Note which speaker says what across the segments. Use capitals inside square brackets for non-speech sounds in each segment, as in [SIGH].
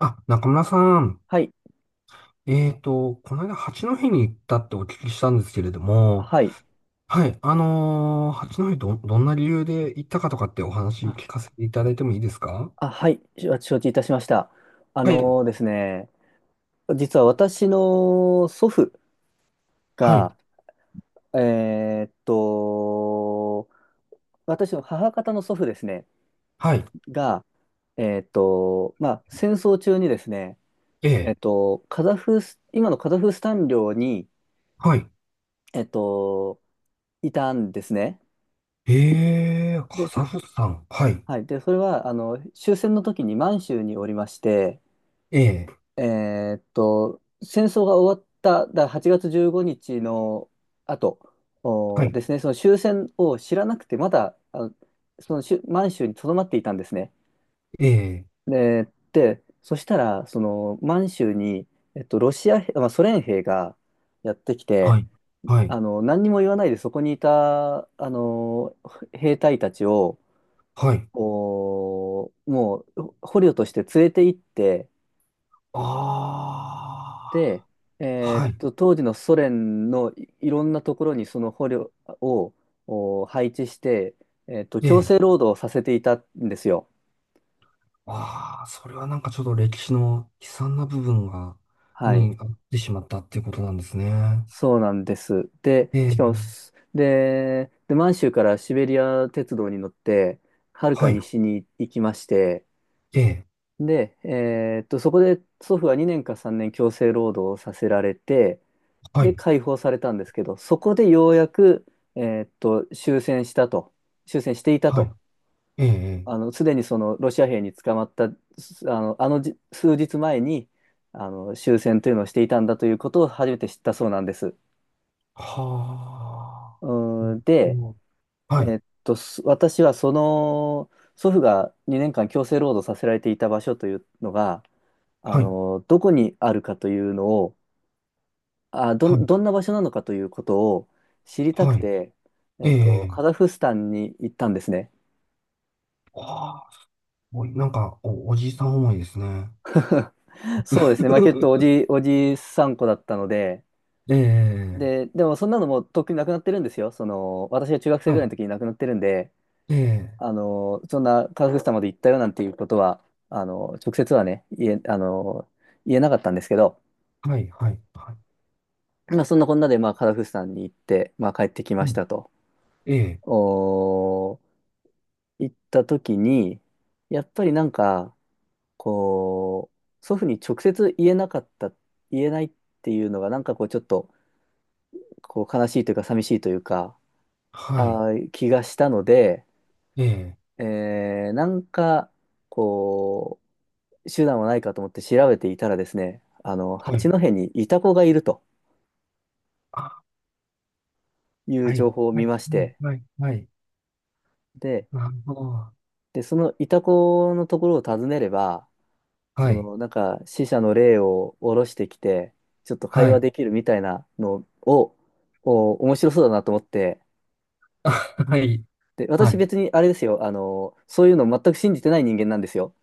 Speaker 1: あ、中村さん。
Speaker 2: はい。
Speaker 1: この間、八戸に行ったってお聞きしたんですけれども、
Speaker 2: はい。
Speaker 1: はい、八戸どんな理由で行ったかとかってお話
Speaker 2: あ、
Speaker 1: 聞かせていただいてもいいですか？
Speaker 2: あ、はい。承知いたしました。あ
Speaker 1: はい、
Speaker 2: のーですね、実は私の祖父
Speaker 1: はい、
Speaker 2: が、えーっと、私の母方の祖父ですね、
Speaker 1: はい、
Speaker 2: が、まあ、戦争中にですね、
Speaker 1: え
Speaker 2: えー
Speaker 1: え、
Speaker 2: っと、カザフス、今のカザフスタン領に、
Speaker 1: はい、
Speaker 2: えーっと、いたんですね。
Speaker 1: ええ、
Speaker 2: で、
Speaker 1: カザフスタン、はい、
Speaker 2: はい。で、それは、あの、終戦の時に満州におりまして、
Speaker 1: ええ、
Speaker 2: 戦争が終わった、だ8月15日の後
Speaker 1: は
Speaker 2: お
Speaker 1: い、
Speaker 2: ですね、その終戦を知らなくて、まだあそのしゅ満州に留まっていたんですね。
Speaker 1: ええ、
Speaker 2: で、そしたら、その満州に、えっと、ロシア兵、まあ、ソ連兵がやってき
Speaker 1: は
Speaker 2: て、
Speaker 1: い、はい、
Speaker 2: あの何にも言わないでそこにいたあの兵隊たちを
Speaker 1: はい、
Speaker 2: もう捕虜として連れて行って、
Speaker 1: あ
Speaker 2: で、
Speaker 1: あ、
Speaker 2: えー
Speaker 1: は
Speaker 2: っ
Speaker 1: い、
Speaker 2: と、当時のソ連のいろんなところにその捕虜を配置して、強
Speaker 1: ええ。
Speaker 2: 制労働をさせていたんですよ。
Speaker 1: ああ、それはなんかちょっと歴史の悲惨な部分が、
Speaker 2: はい。
Speaker 1: にあってしまったっていうことなんですね。
Speaker 2: そうなんです。
Speaker 1: え
Speaker 2: で、しかも
Speaker 1: え、
Speaker 2: す、で、で、満州からシベリア鉄道に乗って、はるか
Speaker 1: はい、
Speaker 2: 西に行きまして、
Speaker 1: ええ、
Speaker 2: で、えーっと、そこで祖父は2年か3年強制労働をさせられて、
Speaker 1: は
Speaker 2: で
Speaker 1: い、
Speaker 2: 解放されたんですけど、そこでようやく、えーっと、終戦したと、終戦していた
Speaker 1: はい、
Speaker 2: と、
Speaker 1: ええ、え
Speaker 2: あ
Speaker 1: え、
Speaker 2: の、すでにそのロシア兵に捕まった、すあの、あのじ数日前に、あの、終戦というのをしていたんだということを初めて知ったそうなんです。
Speaker 1: は
Speaker 2: う
Speaker 1: あ、
Speaker 2: ーん
Speaker 1: う
Speaker 2: で、
Speaker 1: ん、
Speaker 2: え
Speaker 1: はい、
Speaker 2: ーっと、私はその、祖父が2年間強制労働させられていた場所というのが、あ
Speaker 1: はい、
Speaker 2: の、どこにあるかというのを、
Speaker 1: はい、
Speaker 2: どんな場所なのかということを知りたく
Speaker 1: はい、
Speaker 2: て、え
Speaker 1: え
Speaker 2: っと、
Speaker 1: え、
Speaker 2: カザフスタンに行ったんですね。
Speaker 1: はあ、すごい、なんかおじいさん思いですね。
Speaker 2: そうですね。まあ、結構お
Speaker 1: [LAUGHS]
Speaker 2: じ、おじさん子だったので、
Speaker 1: ええ、
Speaker 2: で、でもそんなのもうとっくになくなってるんですよ。その、私が中学生
Speaker 1: は
Speaker 2: ぐらい
Speaker 1: い、
Speaker 2: の時に亡くなってるんで、
Speaker 1: ええ、
Speaker 2: あの、そんなカザフスタンまで行ったよなんていうことは、あの、直接はね、言えなかったんですけど、
Speaker 1: はい、はい、は
Speaker 2: まあ、そんなこんなで、まあ、カザフスタンに行って、まあ、帰ってき
Speaker 1: い、
Speaker 2: ま
Speaker 1: う
Speaker 2: し
Speaker 1: ん、
Speaker 2: たと。
Speaker 1: ええ、
Speaker 2: おー、行った時に、やっぱりなんか、こう、祖父に直接言えなかった、言えないっていうのが、なんかこう、ちょっと、こう、悲しいというか、寂しいというか、
Speaker 1: はい、
Speaker 2: 気がしたので、
Speaker 1: ええ、
Speaker 2: なんか、こう、手段はないかと思って調べていたらですね、あの、
Speaker 1: はい、
Speaker 2: 八戸にイタコがいると
Speaker 1: あ、
Speaker 2: いう
Speaker 1: はい、
Speaker 2: 情報を
Speaker 1: は
Speaker 2: 見
Speaker 1: い、
Speaker 2: まし
Speaker 1: はい、
Speaker 2: て、
Speaker 1: はい、はい、
Speaker 2: で、
Speaker 1: なるほど。
Speaker 2: そのイタコのところを訪ねれば、
Speaker 1: は
Speaker 2: そ
Speaker 1: い。
Speaker 2: の、なんか、死者の霊を下ろしてきて、ちょっと会
Speaker 1: は
Speaker 2: 話
Speaker 1: い。
Speaker 2: できるみたいなのを、面白そうだなと思って、
Speaker 1: [LAUGHS] あ、はい。
Speaker 2: で、
Speaker 1: は
Speaker 2: 私
Speaker 1: い。
Speaker 2: 別にあれですよ、あの、そういうの全く信じてない人間なんですよ。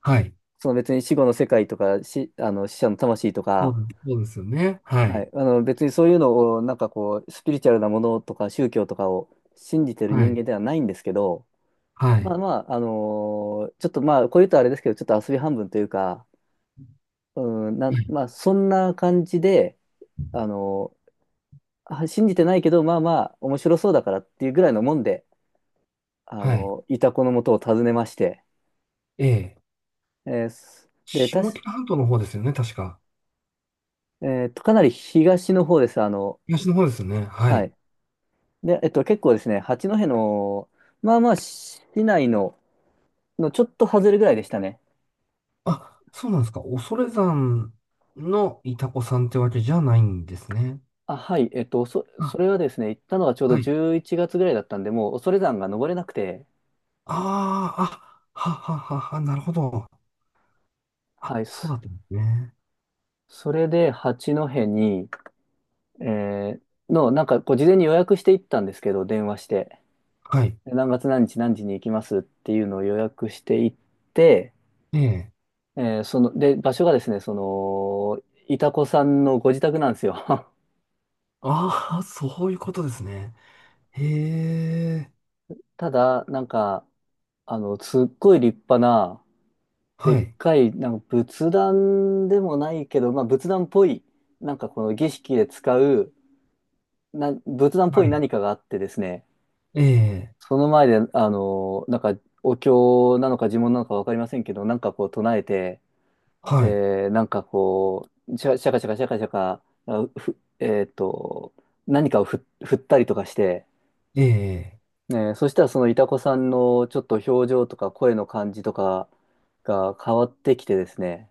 Speaker 1: はい。
Speaker 2: その別に死後の世界とか、あの、死者の魂と
Speaker 1: そ
Speaker 2: か、
Speaker 1: うです、そうですよね。は
Speaker 2: は
Speaker 1: い。
Speaker 2: い、あの、別にそういうのを、なんかこう、スピリチュアルなものとか宗教とかを信じてる
Speaker 1: は
Speaker 2: 人
Speaker 1: い。
Speaker 2: 間ではないんですけど、
Speaker 1: は
Speaker 2: まあ
Speaker 1: い。
Speaker 2: まあ、ちょっとまあ、こういうとあれですけど、ちょっと遊び半分というか、
Speaker 1: はい。
Speaker 2: まあ、そんな感じで、あのあ信じてないけど、まあまあ、面白そうだからっていうぐらいのもんで、あ
Speaker 1: はい。
Speaker 2: の、イタコのもとを訪ねまして、
Speaker 1: ええ。
Speaker 2: えーすで、た
Speaker 1: 下
Speaker 2: し、
Speaker 1: 北半島の方ですよね、確か。
Speaker 2: えーっと、かなり東の方です、あの、
Speaker 1: 東の方ですよね。は
Speaker 2: は
Speaker 1: い。
Speaker 2: い。で、えっと、結構ですね、八戸の、まあまあ、市内の、のちょっと外れぐらいでしたね。
Speaker 1: あ、そうなんですか。恐山のイタコさんってわけじゃないんですね。
Speaker 2: あ、はい、えっと、
Speaker 1: あ、
Speaker 2: それはですね、行ったのがちょうど
Speaker 1: はい。
Speaker 2: 11月ぐらいだったんで、もう恐山が登れなくて、
Speaker 1: ああ、あ、はははは、なるほど。あ、
Speaker 2: はい、
Speaker 1: そうだったんですね。
Speaker 2: それで八戸に、えーの、なんかこう事前に予約していったんですけど、電話して。
Speaker 1: はい。
Speaker 2: で何月何日何時に行きますっていうのを予約していって、
Speaker 1: ええ。
Speaker 2: その、で、場所がですね、その、いたこさんのご自宅なんですよ。
Speaker 1: ああ、そういうことですね。へえ。
Speaker 2: [LAUGHS] ただ、なんか、あの、すっごい立派な、で
Speaker 1: は
Speaker 2: っ
Speaker 1: い。
Speaker 2: かい、なんか仏壇でもないけど、まあ仏壇っぽい、なんかこの儀式で使う、仏壇っぽ
Speaker 1: は
Speaker 2: い
Speaker 1: い。
Speaker 2: 何かがあってですね、
Speaker 1: ええ、
Speaker 2: その前で、あの、なんかお経なのか呪文なのかわかりませんけど、なんかこう唱えて、
Speaker 1: はい、
Speaker 2: で、なんかこう、シャシャカシャカシャカシャカ、あふ、えっと、何かを振ったりとかして、
Speaker 1: ええ、
Speaker 2: ね、そしたらそのいた子さんのちょっと表情とか声の感じとかが変わってきてですね、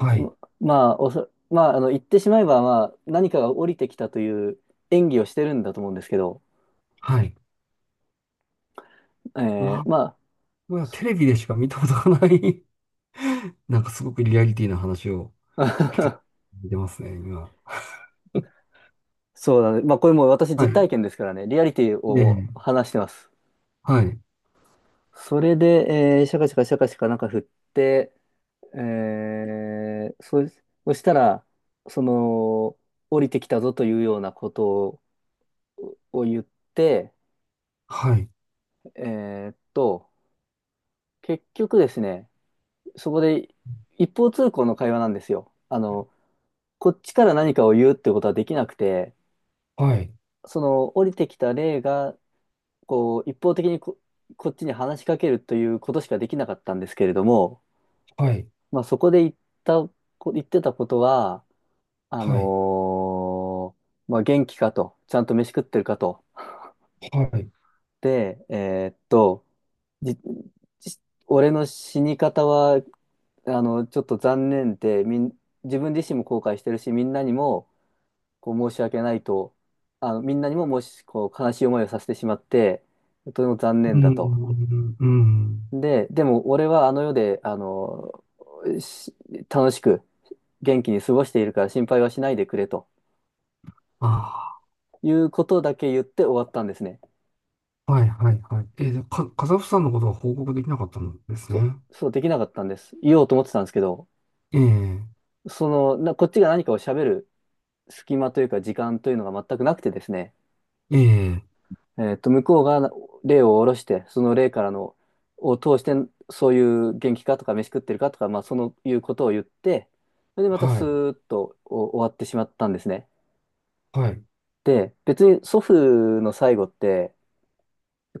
Speaker 1: はい、
Speaker 2: まあ、あの、言ってしまえば、まあ、何かが降りてきたという演技をしてるんだと思うんですけど、
Speaker 1: はい。う
Speaker 2: え
Speaker 1: わ、
Speaker 2: ーま
Speaker 1: うわ、テレビでしか見たことがない。 [LAUGHS] なんかすごくリアリティな話を聞か
Speaker 2: あ、
Speaker 1: れてますね、今。
Speaker 2: [LAUGHS] そうだね。まあ、これもう私
Speaker 1: は
Speaker 2: 実
Speaker 1: い、
Speaker 2: 体験ですからね、リアリティを
Speaker 1: え
Speaker 2: もう
Speaker 1: え、
Speaker 2: 話してます。
Speaker 1: はい、
Speaker 2: それで、えーシャカシャカシャカシャカなんか振って、えー、そ、そしたら、その、降りてきたぞというようなことを言って、
Speaker 1: はい、
Speaker 2: えーっと、結局ですね、そこで一方通行の会話なんですよ。あの、こっちから何かを言うってことはできなくて、
Speaker 1: はい、
Speaker 2: その降りてきた霊が、こう、一方的にこっちに話しかけるということしかできなかったんですけれども、
Speaker 1: はい、
Speaker 2: まあそこでた、言ってたことは、あ
Speaker 1: はい、
Speaker 2: のまあ、元気かと、ちゃんと飯食ってるかと。
Speaker 1: はい。
Speaker 2: で、えーっと、じ、じ俺の死に方は、あの、ちょっと残念で、自分自身も後悔してるし、みんなにも、こう、申し訳ないと、あの、みんなにも、もし、こう、悲しい思いをさせてしまって、とても残
Speaker 1: う
Speaker 2: 念
Speaker 1: ー
Speaker 2: だと。
Speaker 1: ん、うーん、
Speaker 2: で、でも、俺はあの世で、あの、し楽しく、元気に過ごしているから心配はしないでくれと
Speaker 1: あ
Speaker 2: いうことだけ言って終わったんですね。
Speaker 1: あ、はい、はい、はい。ええ、カザフさんのことは報告できなかったんですね。
Speaker 2: そ、そうできなかったんです。言おうと思ってたんですけど、
Speaker 1: ええ、
Speaker 2: その、こっちが何かを喋る隙間というか時間というのが全くなくてですね、
Speaker 1: ええ、
Speaker 2: えっと、向こうが例を下ろして、その例からの、を通して、そういう元気かとか飯食ってるかとか、まあ、そのいうことを言って、それでまた
Speaker 1: は
Speaker 2: ス
Speaker 1: い、
Speaker 2: ーッと終わってしまったんですね。
Speaker 1: はい、
Speaker 2: で、別に祖父の最後って、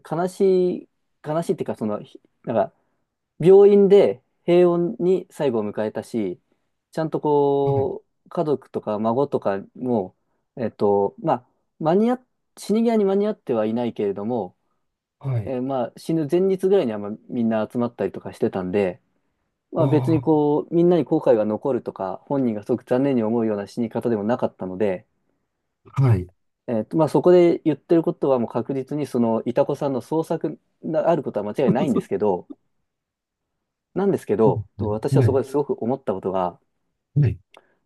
Speaker 2: 悲しい、悲しいっていうか、その、なんか、病院で平穏に最後を迎えたし、ちゃんと
Speaker 1: はい、
Speaker 2: こう、家族とか孫とかも、えっと、まあ、間に合っ、死に際に間に合ってはいないけれども、
Speaker 1: はい、
Speaker 2: えーまあ、死ぬ前日ぐらいにはまあみんな集まったりとかしてたんで、まあ、別に
Speaker 1: あ
Speaker 2: こう、みんなに後悔が残るとか、本人がすごく残念に思うような死に方でもなかったので、
Speaker 1: あ、はい。
Speaker 2: えっと、まあ、そこで言ってることはもう確実にその、いたこさんの創作があることは間違いないんですけ
Speaker 1: [LAUGHS]
Speaker 2: ど、なんですけど、私は
Speaker 1: はい、は
Speaker 2: そ
Speaker 1: い、
Speaker 2: こですごく思ったことが、
Speaker 1: はい。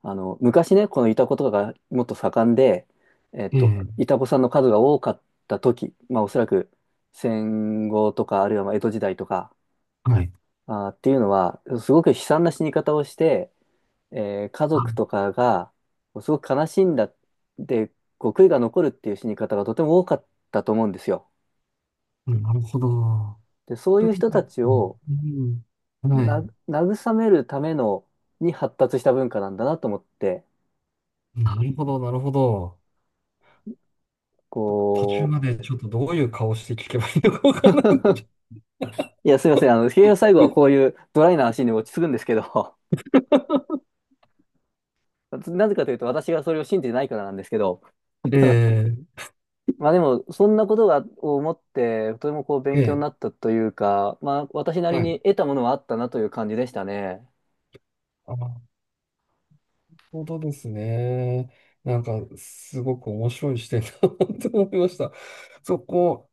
Speaker 2: あの、昔ね、このイタコとかがもっと盛んで、えっ
Speaker 1: え
Speaker 2: と、
Speaker 1: え、
Speaker 2: イタコさんの数が多かった時、まあおそらく戦後とか、あるいはまあ江戸時代とか、
Speaker 1: はい。
Speaker 2: っていうのは、すごく悲惨な死に方をして、えー家族と
Speaker 1: あ、
Speaker 2: かが、すごく悲しんだ、で、こう悔いが残るっていう死に方がとても多かったと思うんですよ。
Speaker 1: うん、なるほど。
Speaker 2: で、そう
Speaker 1: そ
Speaker 2: い
Speaker 1: れ
Speaker 2: う
Speaker 1: で
Speaker 2: 人た
Speaker 1: ね、
Speaker 2: ち
Speaker 1: う
Speaker 2: を
Speaker 1: ん、うん、はい。
Speaker 2: な、慰めるための、に発達した文化なんだなと思って、
Speaker 1: なるほど、なるほど。途中
Speaker 2: こう、
Speaker 1: までちょっとどういう顔して聞けばいいのかわからなくなっち
Speaker 2: いや、すいません。あの、結局最後
Speaker 1: ゃ
Speaker 2: は
Speaker 1: っ
Speaker 2: こういうドライな話に落ち着くんですけど、[LAUGHS] なぜかというと私がそれを信じてないからなんですけど、
Speaker 1: た。 [LAUGHS] ええ、
Speaker 2: まあでも、そんなことを思って、とてもこう勉強
Speaker 1: え
Speaker 2: になったというか、まあ私な
Speaker 1: え、
Speaker 2: り
Speaker 1: はい。
Speaker 2: に得たものはあったなという感じでしたね。
Speaker 1: あ、なるほどですね。なんか、すごく面白い視点だなと思いました。そこ、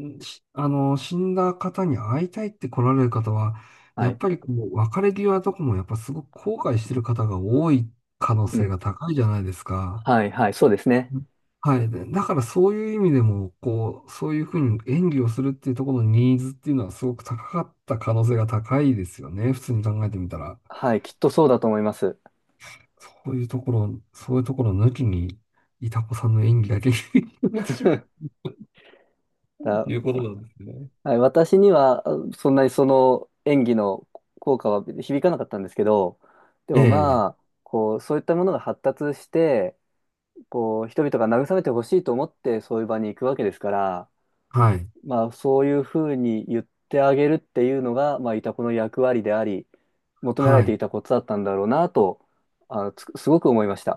Speaker 1: んしあの、死んだ方に会いたいって来られる方は、
Speaker 2: は
Speaker 1: やっ
Speaker 2: い。
Speaker 1: ぱりこう、別れ際とかもやっぱすごく後悔してる方が多い可能
Speaker 2: う
Speaker 1: 性
Speaker 2: ん。
Speaker 1: が高いじゃないですか。
Speaker 2: はい、はい、そうですね。
Speaker 1: うん、はい。で、だからそういう意味でも、こう、そういうふうに演技をするっていうところのニーズっていうのはすごく高かった可能性が高いですよね。普通に考えてみたら。
Speaker 2: はい、きっとそうだと思います。
Speaker 1: そういうところ、そういうところ抜きに、いたこさんの演技だけ [LAUGHS] になってしまうと
Speaker 2: だ、
Speaker 1: いうことなんですね。
Speaker 2: はい、私には、あそんなにその演技の効果は響かなかったんですけど、で
Speaker 1: え
Speaker 2: もま
Speaker 1: え。
Speaker 2: あ、こう、そういったものが発達して、こう、人々が慰めてほしいと思ってそういう場に行くわけですから、
Speaker 1: はい。
Speaker 2: まあ、そういうふうに言ってあげるっていうのが、まあ、イタコの役割であり、求められ
Speaker 1: は
Speaker 2: てい
Speaker 1: い。
Speaker 2: たことだったんだろうなと、あの、すごく思いました。